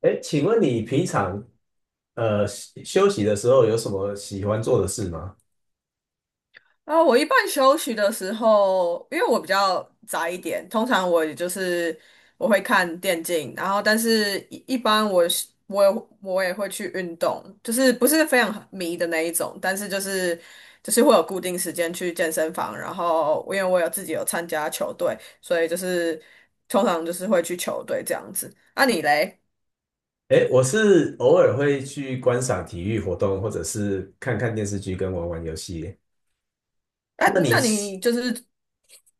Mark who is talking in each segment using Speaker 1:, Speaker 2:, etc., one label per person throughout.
Speaker 1: 哎，请问你平常休息的时候有什么喜欢做的事吗？
Speaker 2: 啊，我一般休息的时候，因为我比较宅一点，通常我也就是我会看电竞，然后但是一般我也会去运动，就是不是非常迷的那一种，但是就是会有固定时间去健身房，然后因为我自己有参加球队，所以就是通常就是会去球队这样子。那、你嘞？
Speaker 1: 哎，我是偶尔会去观赏体育活动，或者是看看电视剧跟玩玩游戏。
Speaker 2: 啊，
Speaker 1: 那你
Speaker 2: 那
Speaker 1: 是，
Speaker 2: 你就是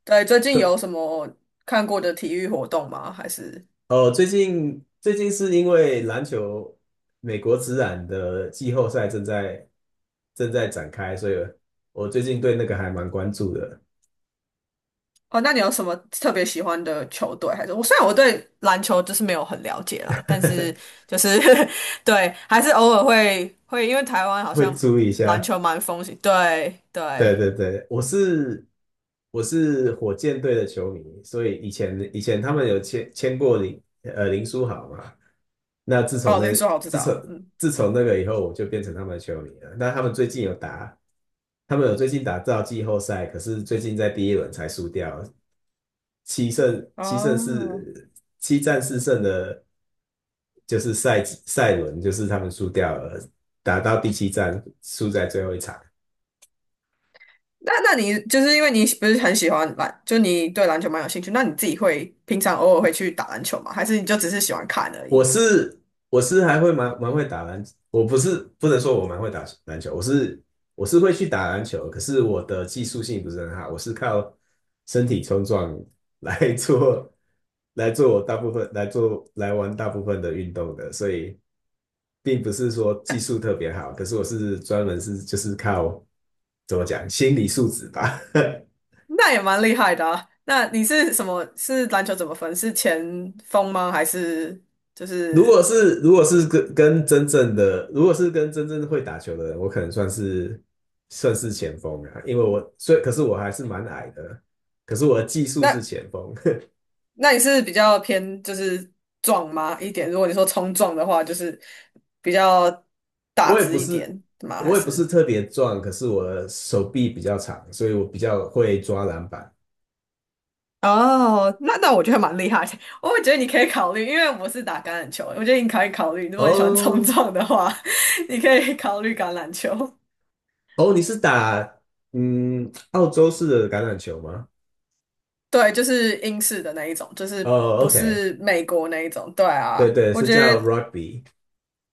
Speaker 2: 对最近
Speaker 1: 可
Speaker 2: 有什么看过的体育活动吗？还是？
Speaker 1: 哦，最近是因为篮球美国职篮的季后赛正在展开，所以我最近对那个还蛮关注的，
Speaker 2: 哦，那你有什么特别喜欢的球队？还是虽然我对篮球就是没有很了解啦，但是 就是 对，还是偶尔会，因为台湾好
Speaker 1: 会
Speaker 2: 像
Speaker 1: 注意一
Speaker 2: 篮
Speaker 1: 下。
Speaker 2: 球蛮风行。对
Speaker 1: 对
Speaker 2: 对，
Speaker 1: 对对，我是火箭队的球迷，所以以前他们有签过林林书豪嘛，那自从
Speaker 2: 哦，林
Speaker 1: 那
Speaker 2: 书豪知
Speaker 1: 自
Speaker 2: 道，
Speaker 1: 从
Speaker 2: 嗯，
Speaker 1: 自从那个以后，我就变成他们的球迷了。那他们最近有打，他们有最近打到季后赛，可是最近在第一轮才输掉，七胜七胜
Speaker 2: 哦，
Speaker 1: 四七战四胜的，就是赛季赛轮，就是他们输掉了，打到第七战输在最后一场。
Speaker 2: 那你就是因为你不是很喜欢篮，就你对篮球蛮有兴趣，那你自己会平常偶尔会去打篮球吗？还是你就只是喜欢看而
Speaker 1: 我
Speaker 2: 已？
Speaker 1: 是我是还会蛮蛮会打篮，我不是不能说我蛮会打篮球，我是会去打篮球，可是我的技术性不是很好，我是靠身体冲撞来 做大部分的运动的，所以并不是说技术特别好，可是我是专门是就是靠怎么讲心理素质吧，
Speaker 2: 那也蛮厉害的啊。那你是什么？是篮球怎么分？是前锋吗？还是就是？
Speaker 1: 如果是跟真正会打球的人，我可能算是前锋啊，因为我所以可是我还是蛮矮的，可是我的技术
Speaker 2: 那
Speaker 1: 是前锋，
Speaker 2: 那你是比较偏就是壮吗一点？如果你说冲撞的话，就是比较 大
Speaker 1: 我也不
Speaker 2: 只一
Speaker 1: 是
Speaker 2: 点吗？还
Speaker 1: 我也不是
Speaker 2: 是？
Speaker 1: 特别壮，可是我的手臂比较长，所以我比较会抓篮板。
Speaker 2: 哦，那我觉得蛮厉害的 我会觉得你可以考虑，因为我是打橄榄球，我觉得你可以考虑，如果你喜欢冲
Speaker 1: 哦
Speaker 2: 撞的话，你可以考虑橄榄球。
Speaker 1: 哦，你是打澳洲式的橄榄球吗？
Speaker 2: 对，就是英式的那一种，就是
Speaker 1: 哦
Speaker 2: 不
Speaker 1: ，OK，
Speaker 2: 是美国那一种。对
Speaker 1: 对
Speaker 2: 啊，
Speaker 1: 对，
Speaker 2: 我
Speaker 1: 是
Speaker 2: 觉
Speaker 1: 叫
Speaker 2: 得
Speaker 1: rugby，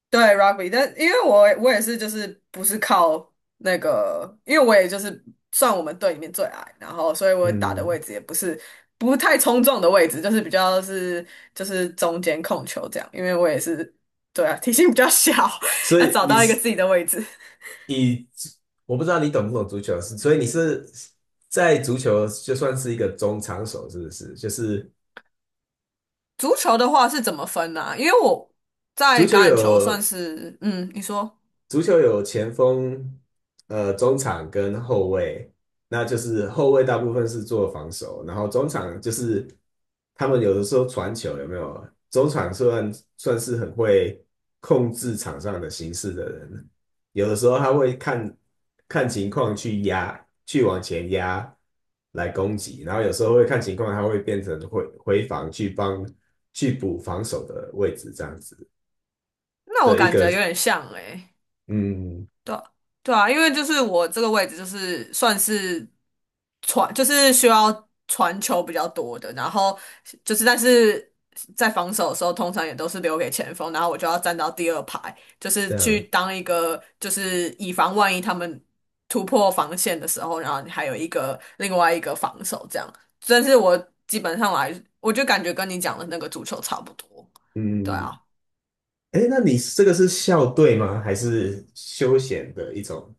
Speaker 2: 对 rugby，但因为我也是就是不是靠那个，因为我也就是算我们队里面最矮，然后所以我打的位
Speaker 1: 嗯，
Speaker 2: 置也不是不太冲撞的位置，就是比较是就是中间控球这样，因为我也是对啊，体型比较小，
Speaker 1: 所
Speaker 2: 要
Speaker 1: 以
Speaker 2: 找
Speaker 1: 你
Speaker 2: 到一个
Speaker 1: 是
Speaker 2: 自己的位置。
Speaker 1: 你我不知道你懂不懂足球，是所以你是在足球就算是一个中场手，是不是？就是
Speaker 2: 足球的话是怎么分呢、因为我
Speaker 1: 足
Speaker 2: 在
Speaker 1: 球
Speaker 2: 橄榄球算
Speaker 1: 有
Speaker 2: 是嗯，你说，
Speaker 1: 足球有前锋、中场跟后卫，那就是后卫大部分是做防守，然后中场就是他们有的时候传球有没有？中场算算是很会控制场上的形势的人，有的时候他会看情况去压，去往前压来攻击，然后有时候会看情况，他会变成回防去帮去补防守的位置这样子
Speaker 2: 那我
Speaker 1: 的一
Speaker 2: 感
Speaker 1: 个，
Speaker 2: 觉有点像诶、
Speaker 1: 嗯，
Speaker 2: 对啊对啊，因为就是我这个位置就是算是传，就是需要传球比较多的，然后就是但是在防守的时候，通常也都是留给前锋，然后我就要站到第二排，就是
Speaker 1: 这
Speaker 2: 去
Speaker 1: 样。
Speaker 2: 当一个就是以防万一他们突破防线的时候，然后你还有一个另外一个防守这样。但是我基本上来，我就感觉跟你讲的那个足球差不多，对
Speaker 1: 嗯，
Speaker 2: 啊。
Speaker 1: 哎，那你这个是校队吗？还是休闲的一种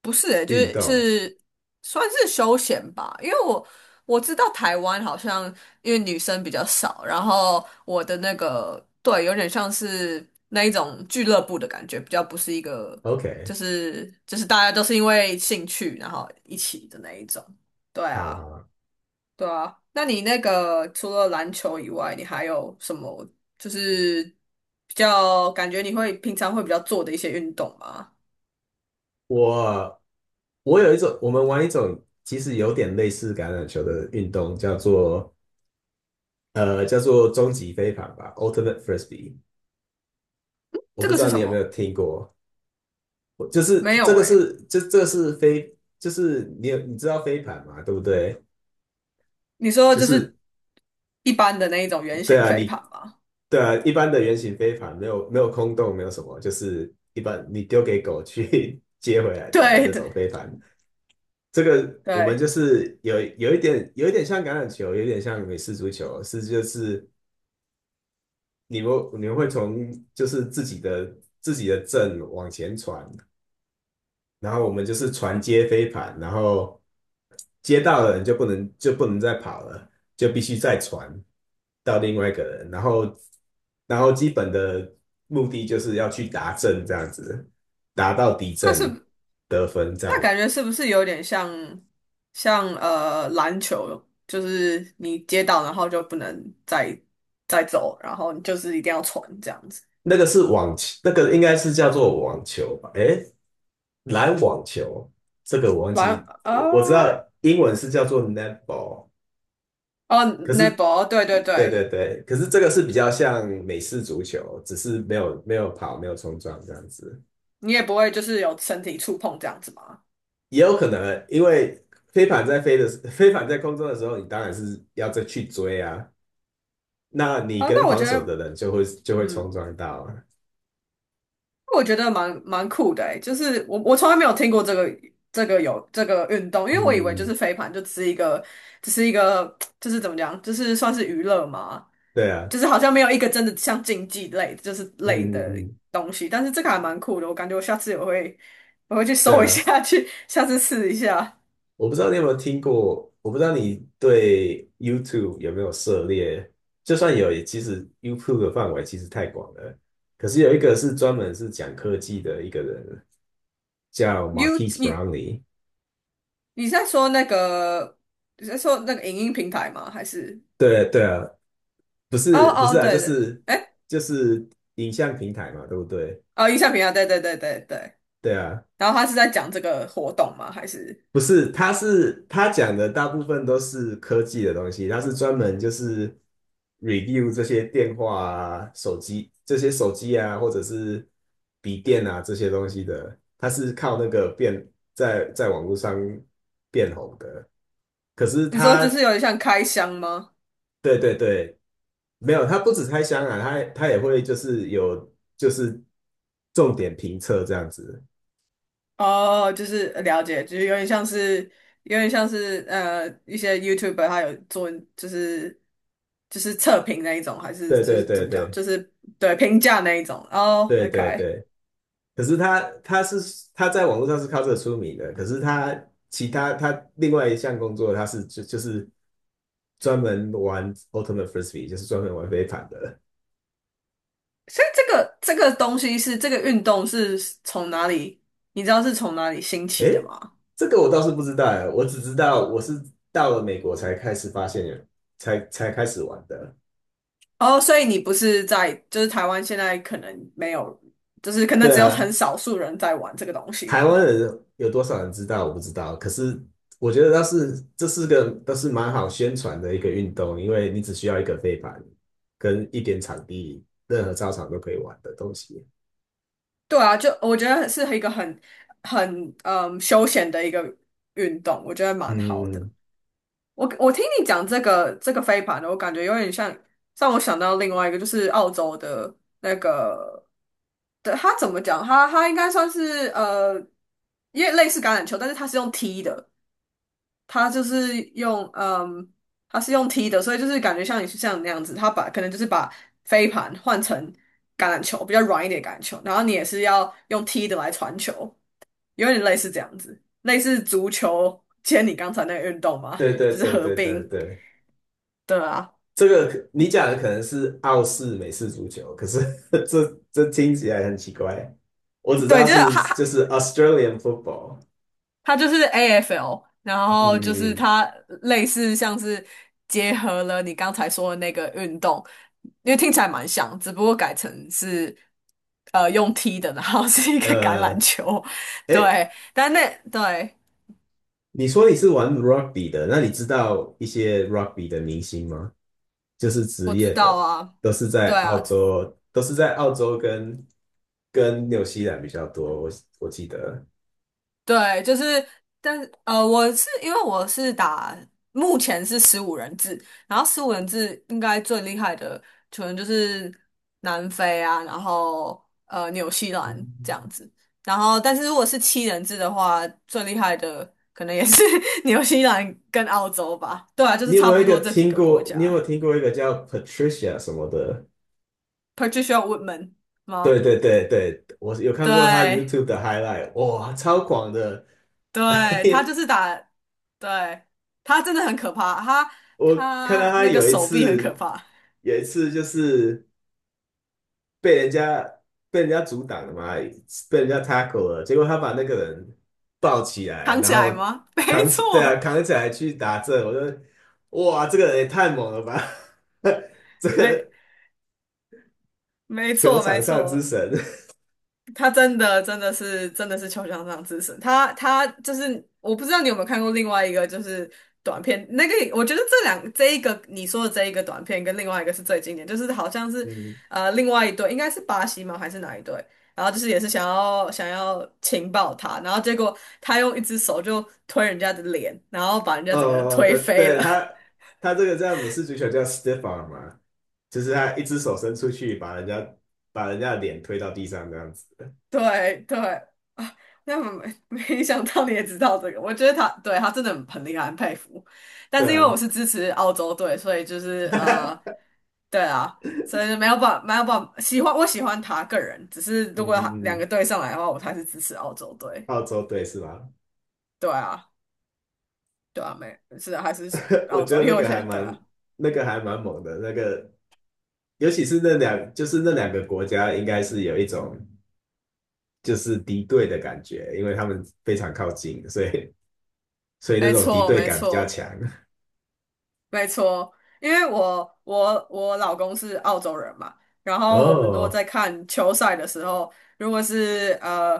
Speaker 2: 不是欸，就
Speaker 1: 运
Speaker 2: 是
Speaker 1: 动
Speaker 2: 是算是休闲吧，因为我知道台湾好像因为女生比较少，然后我的那个对，有点像是那一种俱乐部的感觉，比较不是一个就
Speaker 1: ？OK，
Speaker 2: 是就是大家都是因为兴趣然后一起的那一种。对
Speaker 1: 好
Speaker 2: 啊，
Speaker 1: 好，
Speaker 2: 对啊。那你那个除了篮球以外，你还有什么就是比较感觉你会平常会比较做的一些运动吗？
Speaker 1: 我我有一种，我们玩一种其实有点类似橄榄球的运动，叫做叫做终极飞盘吧，Ultimate Frisbee。我
Speaker 2: 这
Speaker 1: 不
Speaker 2: 个
Speaker 1: 知
Speaker 2: 是
Speaker 1: 道你
Speaker 2: 什
Speaker 1: 有没有
Speaker 2: 么？
Speaker 1: 听过，我就是
Speaker 2: 没
Speaker 1: 这
Speaker 2: 有
Speaker 1: 个
Speaker 2: 诶、
Speaker 1: 是这个是飞，就是你知道飞盘嘛，对不对？
Speaker 2: 你说
Speaker 1: 就
Speaker 2: 就
Speaker 1: 是
Speaker 2: 是一般的那一种圆
Speaker 1: 对
Speaker 2: 形
Speaker 1: 啊，
Speaker 2: 飞盘吗？
Speaker 1: 对啊，一般的圆形飞盘没有空洞，没有什么，就是一般你丢给狗去 接回来 的
Speaker 2: 对
Speaker 1: 那种
Speaker 2: 对
Speaker 1: 飞盘。这个我们
Speaker 2: 对，
Speaker 1: 就是有一点像橄榄球，有一点像美式足球，是就是你们会从就是自己的阵往前传，然后我们就是传接飞盘，然后接到的人就不能再跑了，就必须再传到另外一个人，然后基本的目的就是要去达阵这样子，达到敌
Speaker 2: 那
Speaker 1: 阵
Speaker 2: 是
Speaker 1: 得分这
Speaker 2: 那
Speaker 1: 样。
Speaker 2: 感觉是不是有点像像篮球，就是你接到然后就不能再走，然后你就是一定要传这样子。
Speaker 1: 那个是网球，那个应该是叫做网球吧？诶，篮网球，这个我忘
Speaker 2: 篮
Speaker 1: 记，我知道
Speaker 2: 哦
Speaker 1: 英文是叫做 netball，
Speaker 2: 哦
Speaker 1: 可是
Speaker 2: 那波，对对
Speaker 1: 对
Speaker 2: 对，
Speaker 1: 对对，可是这个是比较像美式足球，只是没有跑，没有冲撞这样子。
Speaker 2: 你也不会就是有身体触碰这样子吗？
Speaker 1: 也有可能，因为飞盘在空中的时候，你当然是要再去追啊，那你
Speaker 2: 啊、
Speaker 1: 跟
Speaker 2: 那我
Speaker 1: 防
Speaker 2: 觉
Speaker 1: 守
Speaker 2: 得
Speaker 1: 的人就会冲
Speaker 2: 嗯。
Speaker 1: 撞到啊。
Speaker 2: 我觉得蛮酷的欸，就是我从来没有听过这个有这个运动，因为我以为就
Speaker 1: 嗯，
Speaker 2: 是飞盘就只是一个就是怎么讲，就是算是娱乐嘛，
Speaker 1: 对啊，
Speaker 2: 就是好像没有一个真的像竞技类就是类
Speaker 1: 嗯嗯
Speaker 2: 的
Speaker 1: 嗯，
Speaker 2: 东西，但是这个还蛮酷的，我感觉我下次我会去
Speaker 1: 对
Speaker 2: 搜一
Speaker 1: 啊。
Speaker 2: 下，去下次试一下。
Speaker 1: 我不知道你有没有听过，我不知道你对 YouTube 有没有涉猎。就算有，也其实 YouTube 的范围其实太广了。可是有一个是专门是讲科技的一个人，叫
Speaker 2: 你
Speaker 1: Marquise
Speaker 2: 你
Speaker 1: Brownlee。
Speaker 2: 你在说那个在说那个影音平台吗？还是
Speaker 1: 对对啊，不
Speaker 2: 哦
Speaker 1: 是不
Speaker 2: 哦
Speaker 1: 是啊，就
Speaker 2: 对对，
Speaker 1: 是
Speaker 2: 哎
Speaker 1: 就是影像平台嘛，对不对？
Speaker 2: 哦影像平台，对对对对对。
Speaker 1: 对啊，
Speaker 2: 然后他是在讲这个活动吗？还是
Speaker 1: 不是，他讲的大部分都是科技的东西，他是专门就是 review 这些电话啊、手机这些手机啊，或者是笔电啊这些东西的，他是靠那个变在网络上变红的。可是
Speaker 2: 你说
Speaker 1: 他，
Speaker 2: 就是有点像开箱吗？
Speaker 1: 对对对，没有，他不止开箱啊，他也会就是有就是重点评测这样子。
Speaker 2: 哦，就是了解，就是有点像是一些 YouTuber 他有做就是就是测评那一种，还是
Speaker 1: 对
Speaker 2: 就
Speaker 1: 对
Speaker 2: 是怎
Speaker 1: 对
Speaker 2: 么讲，
Speaker 1: 对
Speaker 2: 就是对评价那一种。哦
Speaker 1: 对对
Speaker 2: ，OK，
Speaker 1: 对。可是他在网络上是靠这个出名的，可是他其他他另外一项工作他是就是专门玩 Ultimate Frisbee，就是专门玩飞盘的。
Speaker 2: 所以这个东西是这个运动是从哪里？你知道是从哪里兴起的
Speaker 1: 诶，
Speaker 2: 吗？
Speaker 1: 这个我倒是不知道哎，我只知道我是到了美国才开始发现有，才开始玩的。
Speaker 2: 哦，所以你不是在，就是台湾现在可能没有，就是可能
Speaker 1: 对
Speaker 2: 只有很
Speaker 1: 啊，
Speaker 2: 少数人在玩这个东西
Speaker 1: 台
Speaker 2: 吗？
Speaker 1: 湾人有多少人知道我不知道，可是我觉得倒是这都是蛮好宣传的一个运动，因为你只需要一个飞盘跟一点场地，任何操场都可以玩的东西。
Speaker 2: 对啊，就我觉得是一个很嗯休闲的一个运动，我觉得蛮好的。
Speaker 1: 嗯，
Speaker 2: 我听你讲这个飞盘的，我感觉有点像让我想到另外一个，就是澳洲的那个的，它怎么讲？他应该算是，因为类似橄榄球，但是他是用踢的，他就是用嗯，他是用踢的，所以就是感觉像像你那样子，他把可能就是把飞盘换成橄榄球，比较软一点的橄榄球，然后你也是要用踢的来传球。有点类似这样子，类似足球兼你刚才那个运动嘛，
Speaker 1: 对对
Speaker 2: 就是
Speaker 1: 对
Speaker 2: 合
Speaker 1: 对对
Speaker 2: 并。
Speaker 1: 对，
Speaker 2: 对啊，
Speaker 1: 这个你讲的可能是澳式美式足球，可是 这听起来很奇怪。我只知
Speaker 2: 对，
Speaker 1: 道
Speaker 2: 就是
Speaker 1: 就
Speaker 2: 它，
Speaker 1: 是 Australian football。嗯
Speaker 2: 它就是 AFL，然后就是
Speaker 1: 嗯
Speaker 2: 它类似像是结合了你刚才说的那个运动，因为听起来蛮像，只不过改成是用踢的，然后是一个
Speaker 1: 嗯，
Speaker 2: 橄榄球，
Speaker 1: 诶，
Speaker 2: 对，但那对
Speaker 1: 你说你是玩 rugby 的，那你知道一些 rugby 的明星吗？就是
Speaker 2: 我
Speaker 1: 职
Speaker 2: 知
Speaker 1: 业
Speaker 2: 道
Speaker 1: 的，
Speaker 2: 啊，
Speaker 1: 都是
Speaker 2: 对
Speaker 1: 在澳
Speaker 2: 啊，
Speaker 1: 洲，跟纽西兰比较多。我记得，
Speaker 2: 对，就是，但是，我是因为我是打，目前是十五人制，然后十五人制应该最厉害的可能就是南非啊，然后纽西兰这样
Speaker 1: 嗯，
Speaker 2: 子，然后但是如果是七人制的话，最厉害的可能也是 纽西兰跟澳洲吧，对啊，就是
Speaker 1: 你有没
Speaker 2: 差
Speaker 1: 有
Speaker 2: 不
Speaker 1: 一个
Speaker 2: 多这几
Speaker 1: 听
Speaker 2: 个国
Speaker 1: 过？你有没
Speaker 2: 家
Speaker 1: 有听过一个叫 Patricia 什么的？
Speaker 2: ，Patricia Woodman
Speaker 1: 对
Speaker 2: 吗？
Speaker 1: 对对对，我有看过他
Speaker 2: 对。
Speaker 1: YouTube 的 highlight，哇，超广的！
Speaker 2: 对，他就是打，对，他真的很可怕，他
Speaker 1: 我看到
Speaker 2: 他
Speaker 1: 他
Speaker 2: 那个
Speaker 1: 有一
Speaker 2: 手臂很可
Speaker 1: 次，
Speaker 2: 怕，
Speaker 1: 有一次就是被人家阻挡了嘛，被人家 tackle 了，结果他把那个人抱起来，
Speaker 2: 扛
Speaker 1: 然
Speaker 2: 起来
Speaker 1: 后
Speaker 2: 吗？没
Speaker 1: 扛起，对啊，
Speaker 2: 错，
Speaker 1: 扛起来去打这，我就哇，这个人也太猛了吧，这
Speaker 2: 没
Speaker 1: 个
Speaker 2: 没
Speaker 1: 球
Speaker 2: 错
Speaker 1: 场
Speaker 2: 没
Speaker 1: 上之
Speaker 2: 错，
Speaker 1: 神，
Speaker 2: 他真的是球场上之神，他就是我不知道你有没有看过另外一个就是短片，那个我觉得这一个你说的这一个短片跟另外一个是最经典，就是好像 是
Speaker 1: 嗯，
Speaker 2: 另外一对，应该是巴西吗还是哪一对？然后就是也是想要情报他，然后结果他用一只手就推人家的脸，然后把人家整个人推
Speaker 1: 对，
Speaker 2: 飞了。
Speaker 1: 对，他这个叫美式足球叫 stiff arm 嘛，就是他一只手伸出去，把人家的脸推到地上这样子，
Speaker 2: 对对啊，那么没 没想到你也知道这个，我觉得他真的很厉害，很佩服。但
Speaker 1: 对
Speaker 2: 是因为
Speaker 1: 啊，
Speaker 2: 我是支持澳洲队，所以就是，对啊，所以就没有办法喜欢我喜欢他个人，只是
Speaker 1: 嗯
Speaker 2: 如果他
Speaker 1: 嗯
Speaker 2: 两
Speaker 1: 嗯，
Speaker 2: 个队上来的话，我还是支持澳洲队。
Speaker 1: 澳洲队是吧？
Speaker 2: 对啊，对啊，没是的，还是喜
Speaker 1: 我
Speaker 2: 澳
Speaker 1: 觉
Speaker 2: 洲，
Speaker 1: 得
Speaker 2: 因为我现在对啊，
Speaker 1: 那个还蛮猛的，那个尤其是就是那两个国家应该是有一种就是敌对的感觉，因为他们非常靠近，所以那
Speaker 2: 没
Speaker 1: 种敌
Speaker 2: 错
Speaker 1: 对
Speaker 2: 没
Speaker 1: 感比较
Speaker 2: 错。
Speaker 1: 强。
Speaker 2: 没错，因为我老公是澳洲人嘛，然后我们如果
Speaker 1: 哦，
Speaker 2: 在看球赛的时候，如果是，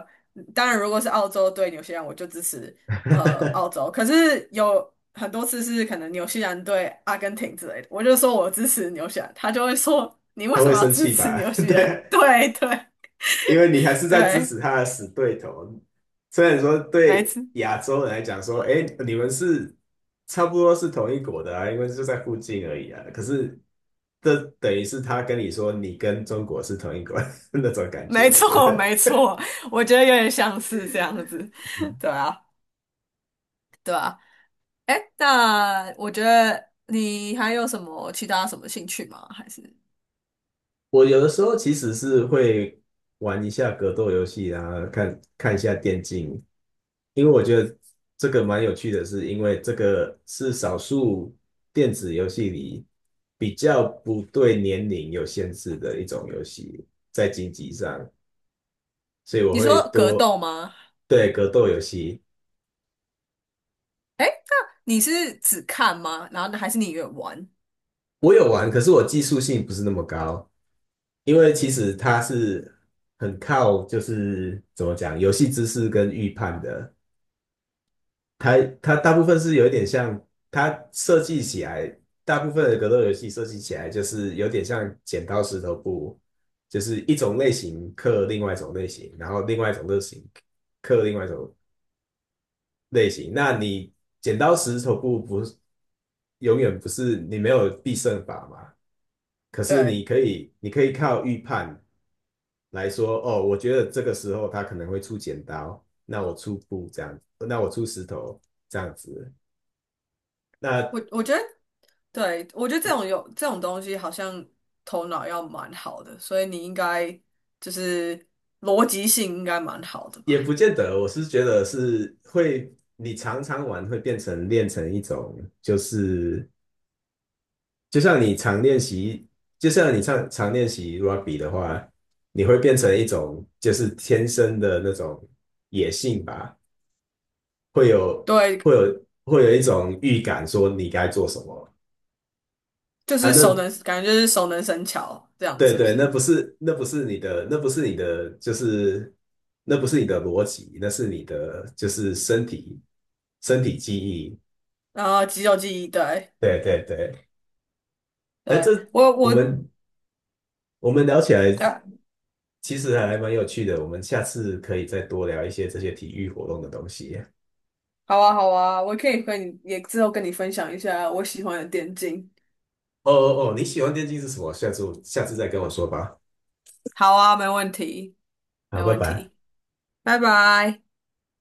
Speaker 2: 当然如果是澳洲对纽西兰，我就支持澳 洲。可是有很多次是可能纽西兰对阿根廷之类的，我就说我支持纽西兰，他就会说你为
Speaker 1: 他
Speaker 2: 什
Speaker 1: 会
Speaker 2: 么要
Speaker 1: 生
Speaker 2: 支
Speaker 1: 气
Speaker 2: 持
Speaker 1: 吧？
Speaker 2: 纽 西
Speaker 1: 对
Speaker 2: 兰？
Speaker 1: 啊，
Speaker 2: 对对
Speaker 1: 因为你还是在支
Speaker 2: 对，
Speaker 1: 持他的死对头。虽然说
Speaker 2: 没
Speaker 1: 对
Speaker 2: 错
Speaker 1: 亚洲人来讲说，哎，你们是差不多是同一国的啊，因为就在附近而已啊。可是这等于是他跟你说，你跟中国是同一国 那种感觉，
Speaker 2: 没
Speaker 1: 我觉
Speaker 2: 错
Speaker 1: 得。
Speaker 2: 没错，我觉得有点像是这样子，对啊对啊。哎，那我觉得你还有什么其他什么兴趣吗？还是
Speaker 1: 我有的时候其实是会玩一下格斗游戏啊，看看一下电竞，因为我觉得这个蛮有趣的是，因为这个是少数电子游戏里比较不对年龄有限制的一种游戏，在经济上，所以我
Speaker 2: 你
Speaker 1: 会
Speaker 2: 说格斗
Speaker 1: 多，
Speaker 2: 吗？
Speaker 1: 对，格斗游戏，
Speaker 2: 哎，那你是只看吗？然后呢还是你也玩？
Speaker 1: 我有玩，可是我技术性不是那么高，因为其实它是很靠就是怎么讲，游戏知识跟预判的。它它大部分是有一点像，它设计起来，大部分的格斗游戏设计起来就是有点像剪刀石头布，就是一种类型克另外一种类型，然后另外一种类型克另外一种类型。那你剪刀石头布不是永远不是你没有必胜法嘛？可是
Speaker 2: 对，
Speaker 1: 你可以靠预判来说，哦，我觉得这个时候他可能会出剪刀，那我出布这样，子，那我出石头这样子。那
Speaker 2: 我觉得，对，我觉得这种有这种东西，好像头脑要蛮好的，所以你应该就是逻辑性应该蛮好的
Speaker 1: 也
Speaker 2: 吧？
Speaker 1: 不见得，我是觉得是会，你常常玩会变成练成一种，就像你常练习，就像你常常练习 rugby 的话，你会变成一种就是天生的那种野性吧，会有
Speaker 2: 对，
Speaker 1: 会有一种预感说你该做什么
Speaker 2: 就
Speaker 1: 啊？
Speaker 2: 是熟
Speaker 1: 那
Speaker 2: 能，感觉就是熟能生巧这样，
Speaker 1: 对
Speaker 2: 是不
Speaker 1: 对，
Speaker 2: 是？
Speaker 1: 那不是你的，就是那不是你的逻辑，那是你的就是身体记忆。
Speaker 2: 然后肌肉记忆，对
Speaker 1: 对对对，哎，
Speaker 2: 对，我
Speaker 1: 我
Speaker 2: 我。
Speaker 1: 们我们聊起来
Speaker 2: 呃
Speaker 1: 其实还蛮有趣的，我们下次可以再多聊一些这些体育活动的东西。
Speaker 2: 好啊，好啊，我可以和你也之后跟你分享一下我喜欢的电竞。
Speaker 1: 哦哦哦，你喜欢电竞是什么？下次再跟我说吧。
Speaker 2: 好啊，没问题，没
Speaker 1: 好，拜
Speaker 2: 问
Speaker 1: 拜。
Speaker 2: 题，拜拜。